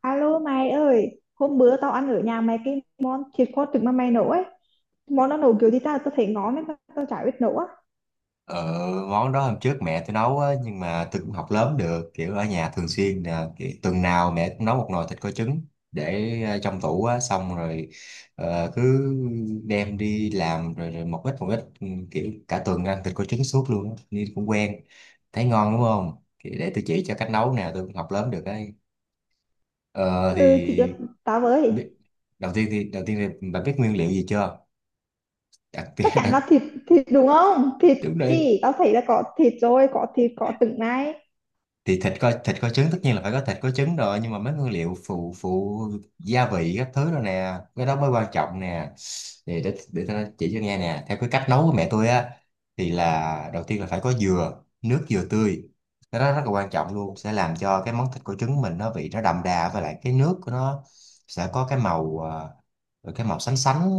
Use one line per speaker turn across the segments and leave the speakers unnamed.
Alo mày ơi, hôm bữa tao ăn ở nhà mày cái món thịt kho trứng mà mày nấu ấy. Món nó nấu kiểu gì tao tao thấy ngon nên tao chả biết nấu á.
Ờ, món đó hôm trước mẹ tôi nấu á, nhưng mà tôi cũng học lớn được kiểu ở nhà thường xuyên là kiểu, tuần nào mẹ cũng nấu một nồi thịt kho trứng để trong tủ á, xong rồi cứ đem đi làm rồi, rồi một ít một ít, ừ, kiểu cả tuần ăn thịt kho trứng suốt luôn á, nên cũng quen. Thấy ngon đúng không? Thì để tôi chỉ cho cách nấu nè, tôi cũng học lớn được đấy. ờ,
Ừ, chị cho
thì
tao với.
biết, đầu tiên thì bà biết nguyên liệu gì chưa, đặc biệt?
Chắc chắn là thịt thịt đúng không? Thịt
Đúng,
chị, tao thấy là có thịt rồi, có thịt, có trứng này.
thì thịt, có thịt có trứng tất nhiên là phải có thịt có trứng rồi, nhưng mà mấy nguyên liệu phụ phụ, gia vị các thứ rồi nè, cái đó mới quan trọng nè. Thì để tao chỉ cho nghe nè, theo cái cách nấu của mẹ tôi á, thì là đầu tiên là phải có dừa, nước dừa tươi. Cái đó rất là quan trọng luôn, sẽ làm cho cái món thịt của trứng mình nó vị nó đậm đà, với lại cái nước của nó sẽ có cái màu, cái màu sánh sánh,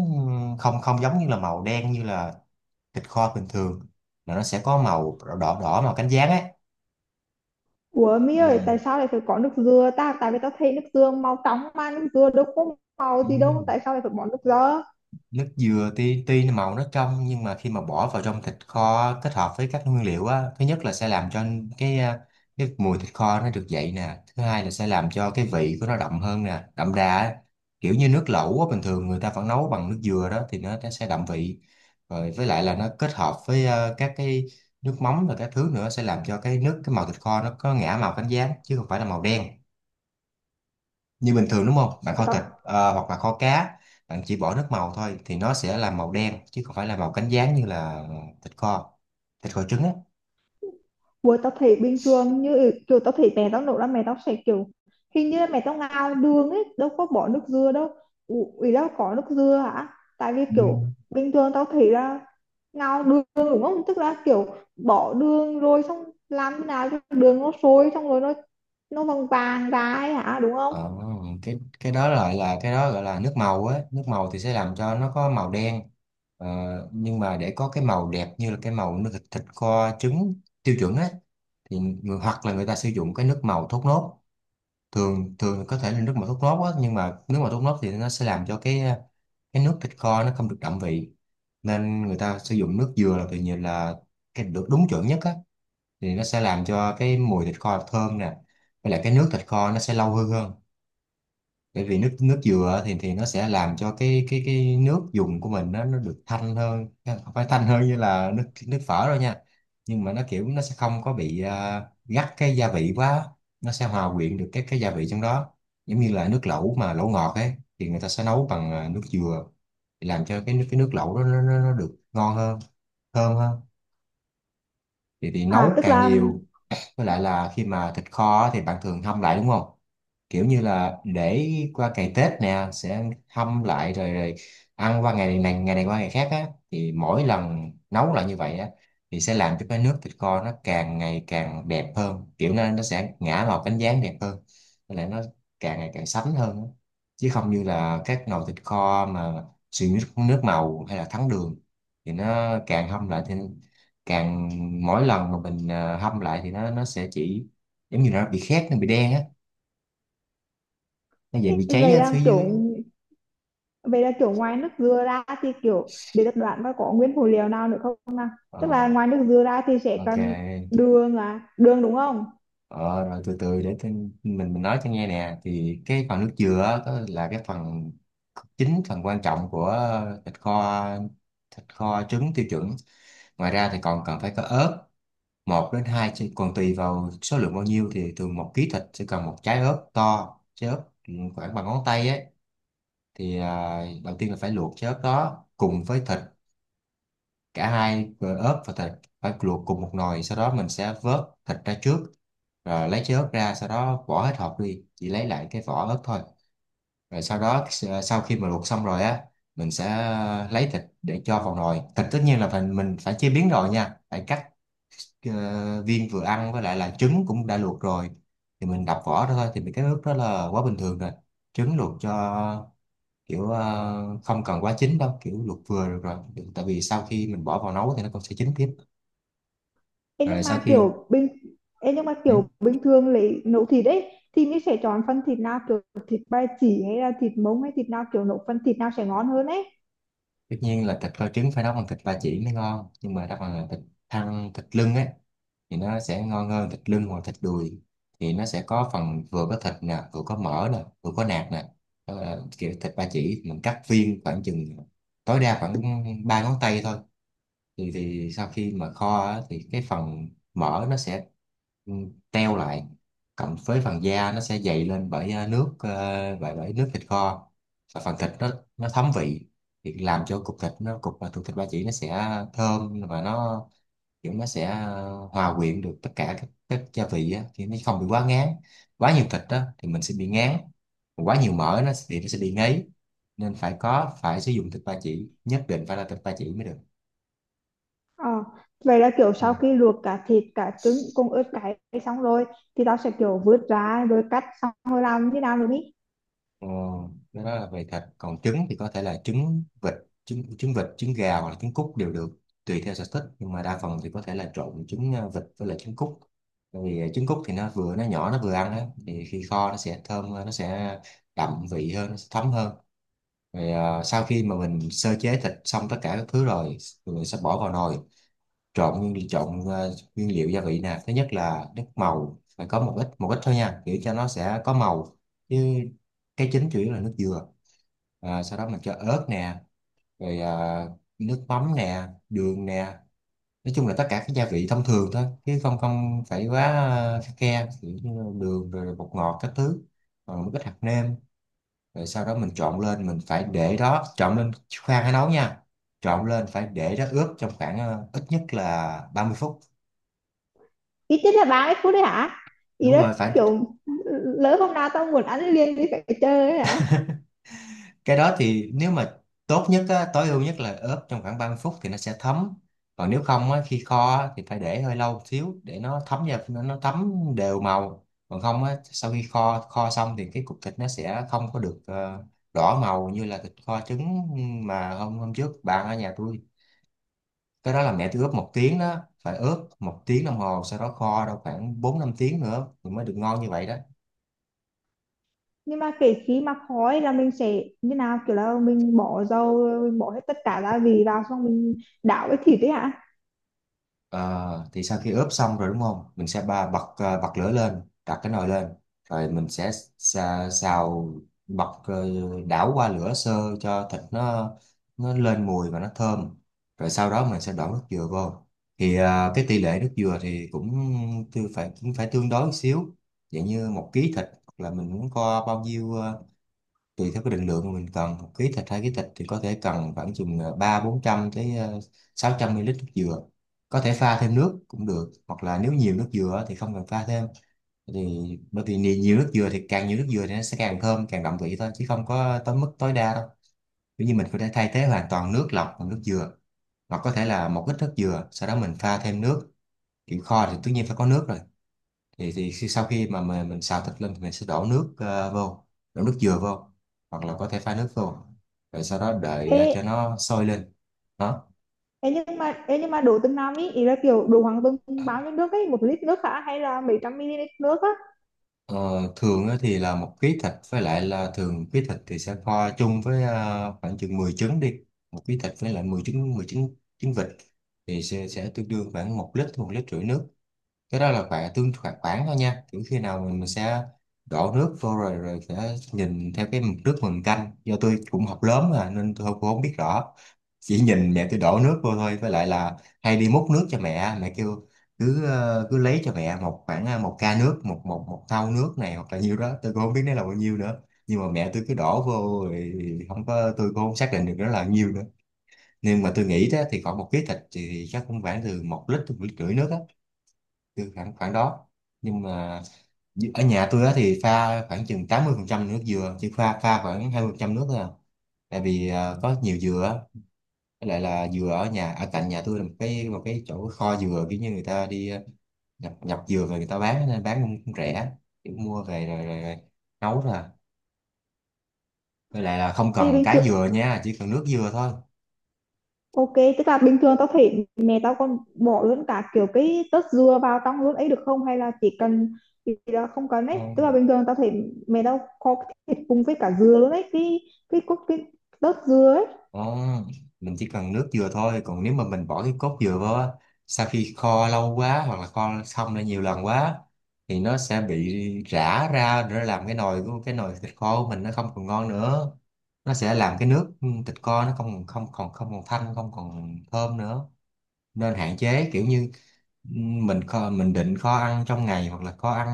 không không giống như là màu đen như là thịt kho bình thường, mà nó sẽ có màu đỏ đỏ, đỏ màu cánh gián ấy.
Ủa mi
Ừ.
ơi, tại sao lại phải có nước dừa ta? Tại vì tao thấy nước dừa màu trắng mà nước dừa đâu có màu
Ừ.
gì đâu, tại sao lại phải bỏ nước dừa?
Nước dừa tuy tuy nó màu nó trong, nhưng mà khi mà bỏ vào trong thịt kho kết hợp với các nguyên liệu á, thứ nhất là sẽ làm cho cái à, cái mùi thịt kho nó được dậy nè, thứ hai là sẽ làm cho cái vị của nó đậm hơn nè, đậm đà á. Kiểu như nước lẩu á, bình thường người ta vẫn nấu bằng nước dừa đó, thì nó sẽ đậm vị. Rồi với lại là nó kết hợp với các cái nước mắm và các thứ nữa, sẽ làm cho cái nước, cái màu thịt kho nó có ngả màu cánh gián chứ không phải là màu đen như bình thường, đúng không? Bạn kho thịt hoặc là kho cá, bạn chỉ bỏ nước màu thôi thì nó sẽ là màu đen chứ không phải là màu cánh gián như là thịt kho thịt kho trứng á.
Buổi tao thấy bình thường như kiểu tao thấy mẹ tao nấu là mẹ tao sẽ kiểu hình như là mẹ tao ngào đường ấy đâu có bỏ nước dừa đâu. Ủa, ý là có nước dừa hả, tại vì
Ừ.
kiểu bình thường tao thấy là ngào đường đúng không, tức là kiểu bỏ đường rồi xong làm thế nào cho đường nó sôi xong rồi nó vàng vàng ra ấy hả đúng không?
ờ, cái đó lại là, cái đó gọi là nước màu á, nước màu thì sẽ làm cho nó có màu đen. ờ, nhưng mà để có cái màu đẹp như là cái màu nước thịt, thịt kho trứng tiêu chuẩn á, thì hoặc là người ta sử dụng cái nước màu thốt nốt. Thường thường có thể là nước mà thốt nốt á, nhưng mà nước mà thốt nốt thì nó sẽ làm cho cái nước thịt kho nó không được đậm vị, nên người ta sử dụng nước dừa là tự nhiên là cái được đúng chuẩn nhất á. Thì nó sẽ làm cho cái mùi thịt kho thơm nè, với lại cái nước thịt kho nó sẽ lâu hơn hơn, bởi vì nước nước dừa thì nó sẽ làm cho cái nước dùng của mình nó được thanh hơn, không phải thanh hơn như là nước nước phở đâu nha, nhưng mà nó kiểu nó sẽ không có bị gắt cái gia vị quá, nó sẽ hòa quyện được cái gia vị trong đó, giống như là nước lẩu mà lẩu ngọt ấy, thì người ta sẽ nấu bằng nước dừa để làm cho cái nước lẩu đó nó được ngon hơn, thơm hơn. Thì
à
nấu
tức
càng
là
nhiều. Với lại là khi mà thịt kho thì bạn thường hâm lại đúng không? Kiểu như là để qua ngày Tết nè, sẽ hâm lại rồi rồi ăn qua ngày này qua ngày khác á, thì mỗi lần nấu lại như vậy á, thì sẽ làm cho cái nước thịt kho nó càng ngày càng đẹp hơn, kiểu nó sẽ ngả màu cánh gián đẹp hơn, với lại nó càng ngày càng sánh hơn á. Chứ không như là các nồi thịt kho mà sử dụng nước nước màu hay là thắng đường, thì nó càng hâm lại thì càng, mỗi lần mà mình hâm lại thì nó sẽ chỉ giống như nó bị khét, nó bị đen á, nó vậy bị cháy
Vậy
ở
là
phía
kiểu
dưới.
vậy là kiểu ngoài nước dừa ra thì kiểu để tập đoán có nguyên phụ liệu nào nữa không nào? Tức là
Ờ,
ngoài nước dừa ra thì sẽ
ok.
cần đường, à, đường đúng không?
Ờ, rồi từ từ để mình nói cho nghe nè. Thì cái phần nước dừa á, có là cái phần chính, phần quan trọng của thịt kho thịt kho trứng tiêu chuẩn. Ngoài ra thì còn cần phải có ớt, một đến hai, chứ còn tùy vào số lượng bao nhiêu, thì thường 1 ký thịt sẽ cần một trái ớt to, trái ớt khoảng bằng ngón tay ấy. Thì đầu tiên là phải luộc cái ớt đó cùng với thịt, cả hai, ớt và thịt phải luộc cùng một nồi, sau đó mình sẽ vớt thịt ra trước, rồi lấy cái ớt ra, sau đó vỏ hết hộp đi, chỉ lấy lại cái vỏ ớt thôi. Rồi sau đó sau khi mà luộc xong rồi á, mình sẽ lấy thịt để cho vào nồi thịt. Tất nhiên là phải, mình phải chế biến rồi nha, phải cắt viên vừa ăn, với lại là trứng cũng đã luộc rồi thì mình đập vỏ ra thôi, thì mấy cái ớt đó là quá bình thường rồi. Trứng luộc cho kiểu không cần quá chín đâu, kiểu luộc vừa được rồi. Được, tại vì sau khi mình bỏ vào nấu thì nó cũng sẽ chín tiếp.
Ê,
Rồi
nhưng
sau
mà
khi,
kiểu bình Ê, nhưng mà
ừ,
kiểu bình thường lấy nấu thịt ấy thì mình sẽ chọn phần thịt nào, kiểu thịt ba chỉ hay là thịt mông hay thịt nào, kiểu nấu phần thịt nào sẽ ngon hơn ấy.
tất nhiên là thịt kho trứng phải nấu bằng thịt ba chỉ mới ngon, nhưng mà đặc phần là thịt thăn, thịt lưng ấy, thì nó sẽ ngon hơn thịt lưng hoặc thịt đùi, thì nó sẽ có phần vừa có thịt nè vừa có mỡ nè vừa có nạc nè. Đó là kiểu thịt ba chỉ mình cắt viên khoảng chừng tối đa khoảng ba ngón tay thôi. Thì sau khi mà kho á, thì cái phần mỡ nó sẽ, ừ, teo lại, cộng với phần da nó sẽ dày lên bởi nước, ờ, bởi bởi nước thịt kho, và phần thịt nó thấm vị, thì làm cho cục thịt nó cục, và thịt ba chỉ nó sẽ thơm và nó kiểu nó sẽ hòa quyện được tất cả các gia vị á, thì nó không bị quá ngán. Quá nhiều thịt đó thì mình sẽ bị ngán, quá nhiều mỡ nó sẽ bị ngấy, nên phải có, phải sử dụng thịt ba chỉ, nhất định phải là thịt ba chỉ mới được.
Ờ, vậy là kiểu
Ừ.
sau khi luộc cả thịt cả trứng cùng ớt cay xong rồi thì tao sẽ kiểu vớt ra rồi cắt xong rồi làm thế nào nữa đi.
Ờ, cái đó là về thịt, còn trứng thì có thể là trứng vịt, trứng trứng vịt, trứng gà hoặc là trứng cút đều được, tùy theo sở thích. Nhưng mà đa phần thì có thể là trộn trứng vịt với lại trứng cút, tại vì trứng cút thì nó nhỏ nó vừa ăn đó, thì khi kho nó sẽ thơm hơn, nó sẽ đậm vị hơn, nó sẽ thấm hơn. Rồi sau khi mà mình sơ chế thịt xong tất cả các thứ rồi, rồi mình sẽ bỏ vào nồi, trộn nguyên chọn ờ, nguyên liệu gia vị nè. Thứ nhất là nước màu phải có một ít, một ít thôi nha, kiểu cho nó sẽ có màu, chứ cái chính chủ yếu là nước dừa. À, sau đó mình cho ớt nè, rồi nước mắm nè, đường nè, nói chung là tất cả các gia vị thông thường thôi, chứ không không phải quá khắt khe, kiểu như đường rồi bột ngọt các thứ, rồi một ít hạt nêm. Rồi sau đó mình trộn lên, mình phải để đó, trộn lên, khoan hãy nấu nha. Trộn lên phải để đó ướp trong khoảng, ít nhất là 30 phút.
Ít nhất là 30 phút đấy hả? Ý
Đúng
là
rồi, phải.
kiểu lỡ hôm nào tao muốn ăn liền thì phải chơi ấy hả?
Cái đó thì nếu mà tốt nhất á, tối ưu nhất là ướp trong khoảng 30 phút thì nó sẽ thấm. Còn nếu không á, khi kho á, thì phải để hơi lâu một xíu để nó thấm vào, nó thấm đều màu. Còn không á, sau khi kho kho xong thì cái cục thịt nó sẽ không có được, đỏ màu như là thịt kho trứng mà hôm hôm trước bạn ở nhà tôi. Cái đó là mẹ tôi ướp 1 tiếng đó, phải ướp 1 tiếng đồng hồ, sau đó kho đâu khoảng 4 5 tiếng nữa thì mới được ngon như vậy đó.
Nhưng mà kể khi mà khói là mình sẽ như nào, kiểu là mình bỏ dầu mình bỏ hết tất cả gia vị vào xong mình đảo với thịt đấy hả?
Ờ, thì sau khi ướp xong rồi đúng không? Mình sẽ bật lửa lên, đặt cái nồi lên, rồi mình sẽ xào bật ờ, đảo qua lửa sơ cho thịt nó lên mùi và nó thơm. Rồi sau đó mình sẽ đổ nước dừa vô. Cái tỷ lệ nước dừa thì cũng phải tương đối một xíu, dạng như một ký thịt hoặc là mình muốn có bao nhiêu, tùy theo cái định lượng mà mình cần một ký thịt hai ký thịt thì có thể cần khoảng chừng ba bốn trăm tới sáu trăm ml nước dừa, có thể pha thêm nước cũng được, hoặc là nếu nhiều nước dừa á thì không cần pha thêm. Thì bởi vì nhiều nhiều nước dừa, thì càng nhiều nước dừa thì nó sẽ càng thơm càng đậm vị thôi chứ không có tới mức tối đa đâu. Ví dụ như mình có thể thay thế hoàn toàn nước lọc bằng nước dừa, hoặc có thể là một ít nước dừa sau đó mình pha thêm nước, kiểu kho thì tất nhiên phải có nước rồi. Sau khi mà mình xào thịt lên thì mình sẽ đổ nước vô, đổ nước dừa vô, hoặc là có thể pha nước vô, rồi sau đó đợi
ê,
cho nó sôi lên đó.
Ê nhưng mà đổ từng nào, ý ý là kiểu đổ khoảng từng bao nhiêu nước ấy, một lít nước hả hay là mấy trăm ml nước á?
Ờ, Thường á thì là một ký thịt, với lại là thường ký thịt thì sẽ kho chung với khoảng chừng 10 trứng đi, một ký thịt với lại 10 trứng, 10 trứng trứng vịt, thì sẽ tương đương khoảng một lít rưỡi nước. Cái đó là khoảng tương khoảng khoảng thôi nha, kiểu khi nào mình sẽ đổ nước vô rồi rồi sẽ nhìn theo cái mực nước mình canh, do tôi cũng học lớn mà nên tôi không, cũng không biết rõ, chỉ nhìn mẹ tôi đổ nước vô thôi, với lại là hay đi múc nước cho mẹ, mẹ kêu cứ lấy cho mẹ một khoảng một ca nước, một một một thau nước này hoặc là nhiêu đó, tôi cũng không biết nó là bao nhiêu nữa, nhưng mà mẹ tôi cứ đổ vô rồi. Không có Tôi cũng không xác định được nó là nhiêu nữa, nhưng mà tôi nghĩ đó thì khoảng một ký thịt thì chắc cũng khoảng từ một lít tới một lít rưỡi nước á, từ khoảng khoảng đó. Nhưng mà ở nhà tôi á thì pha khoảng chừng 80% nước dừa, chứ pha pha khoảng 20% nước thôi à, tại vì có nhiều dừa á. Với lại là dừa ở nhà, ở cạnh nhà tôi là một cái chỗ kho dừa, kiểu như người ta đi nhập nhập dừa về người ta bán, nên bán cũng rẻ, kiểu mua về rồi nấu ra. Với lại là không
Ê
cần
bình
cái
thường
dừa nha, chỉ cần nước dừa thôi.
Ok, tức là bình thường tao thấy mẹ tao còn bỏ luôn cả kiểu cái tớt dừa vào trong luôn ấy được không? Hay là chỉ cần thì là không cần
Ờ,
ấy. Tức là bình thường tao thấy mẹ tao kho cái thịt cùng với cả dừa luôn ấy, cái cốt cái tớt dừa ấy.
Ồ, mình chỉ cần nước dừa thôi, còn nếu mà mình bỏ cái cốt dừa vào á, sau khi kho lâu quá hoặc là kho xong ra nhiều lần quá thì nó sẽ bị rã ra, làm cái nồi thịt kho của mình nó không còn ngon nữa, nó sẽ làm cái nước thịt kho nó không không còn, không thanh, không còn thơm nữa. Nên hạn chế, kiểu như mình mình định kho ăn trong ngày hoặc là kho ăn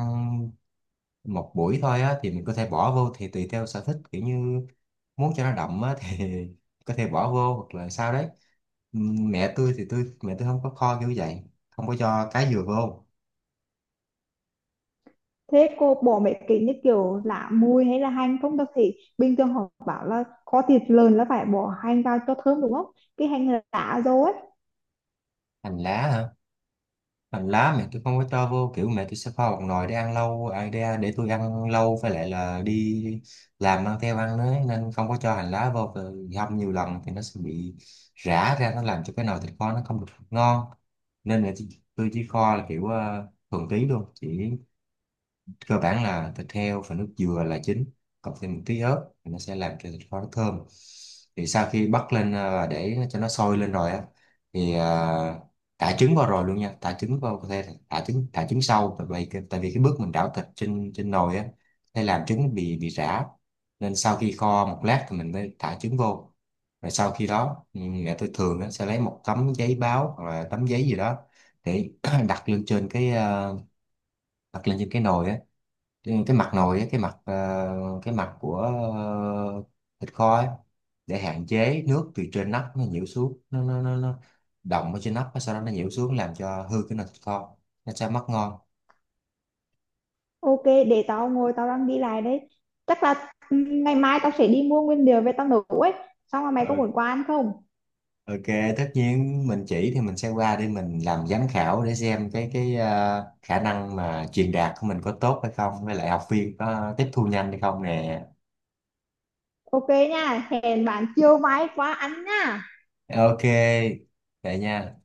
một buổi thôi á thì mình có thể bỏ vô, thì tùy theo sở thích, kiểu như muốn cho nó đậm á thì có thể bỏ vô hoặc là sao đấy. Mẹ tôi không có kho kiểu vậy, không có cho cá dừa vô.
Thế cô bỏ mấy cái như kiểu lạ mùi hay là hành không? Tao thấy bình thường họ bảo là kho thịt lợn là phải bỏ hành vào cho thơm đúng không? Cái hành là lá rồi ấy.
Hành lá hả? Hành lá mẹ tôi không có cho vô, kiểu mẹ tôi sẽ kho một nồi để ăn lâu à, để tôi ăn lâu, với lại là đi làm mang theo ăn đấy nên không có cho hành lá vô. Rồi hâm nhiều lần thì nó sẽ bị rã ra, nó làm cho cái nồi thịt kho nó không được ngon. Nên là tôi chỉ kho là kiểu thuần túy luôn, chỉ cơ bản là thịt heo và nước dừa là chính, cộng thêm một tí ớt thì nó sẽ làm cho thịt kho nó thơm. Thì sau khi bắt lên à, và để cho nó sôi lên rồi á thì thả trứng vào rồi luôn nha, thả trứng vào, có thể là thả trứng sau, tại vì tại vì cái bước mình đảo thịt trên trên nồi á sẽ làm trứng bị rã, nên sau khi kho một lát thì mình mới thả trứng vô. Rồi sau khi đó mẹ tôi thường á sẽ lấy một tấm giấy báo hoặc là tấm giấy gì đó để đặt lên trên cái đặt lên trên cái nồi á, cái mặt nồi á, cái mặt, cái mặt của thịt kho ấy, để hạn chế nước từ trên nắp nó nhiễu xuống, nó đọng ở trên nắp sau đó nó nhiễu xuống làm cho hư cái nồi thịt kho, nó sẽ mất ngon.
Ok, để tao ngồi tao đang đi lại đây. Chắc là ừ, ngày mai tao sẽ đi mua nguyên liệu về tao nấu ấy. Xong rồi mày có
Ờ,
muốn qua ăn không?
ok, tất nhiên mình chỉ thì mình sẽ qua để mình làm giám khảo để xem cái khả năng mà truyền đạt của mình có tốt hay không, với lại học viên có tiếp thu nhanh hay không nè.
Ok nha, hẹn bạn chiều mai qua ăn nha.
Ok, vậy nha.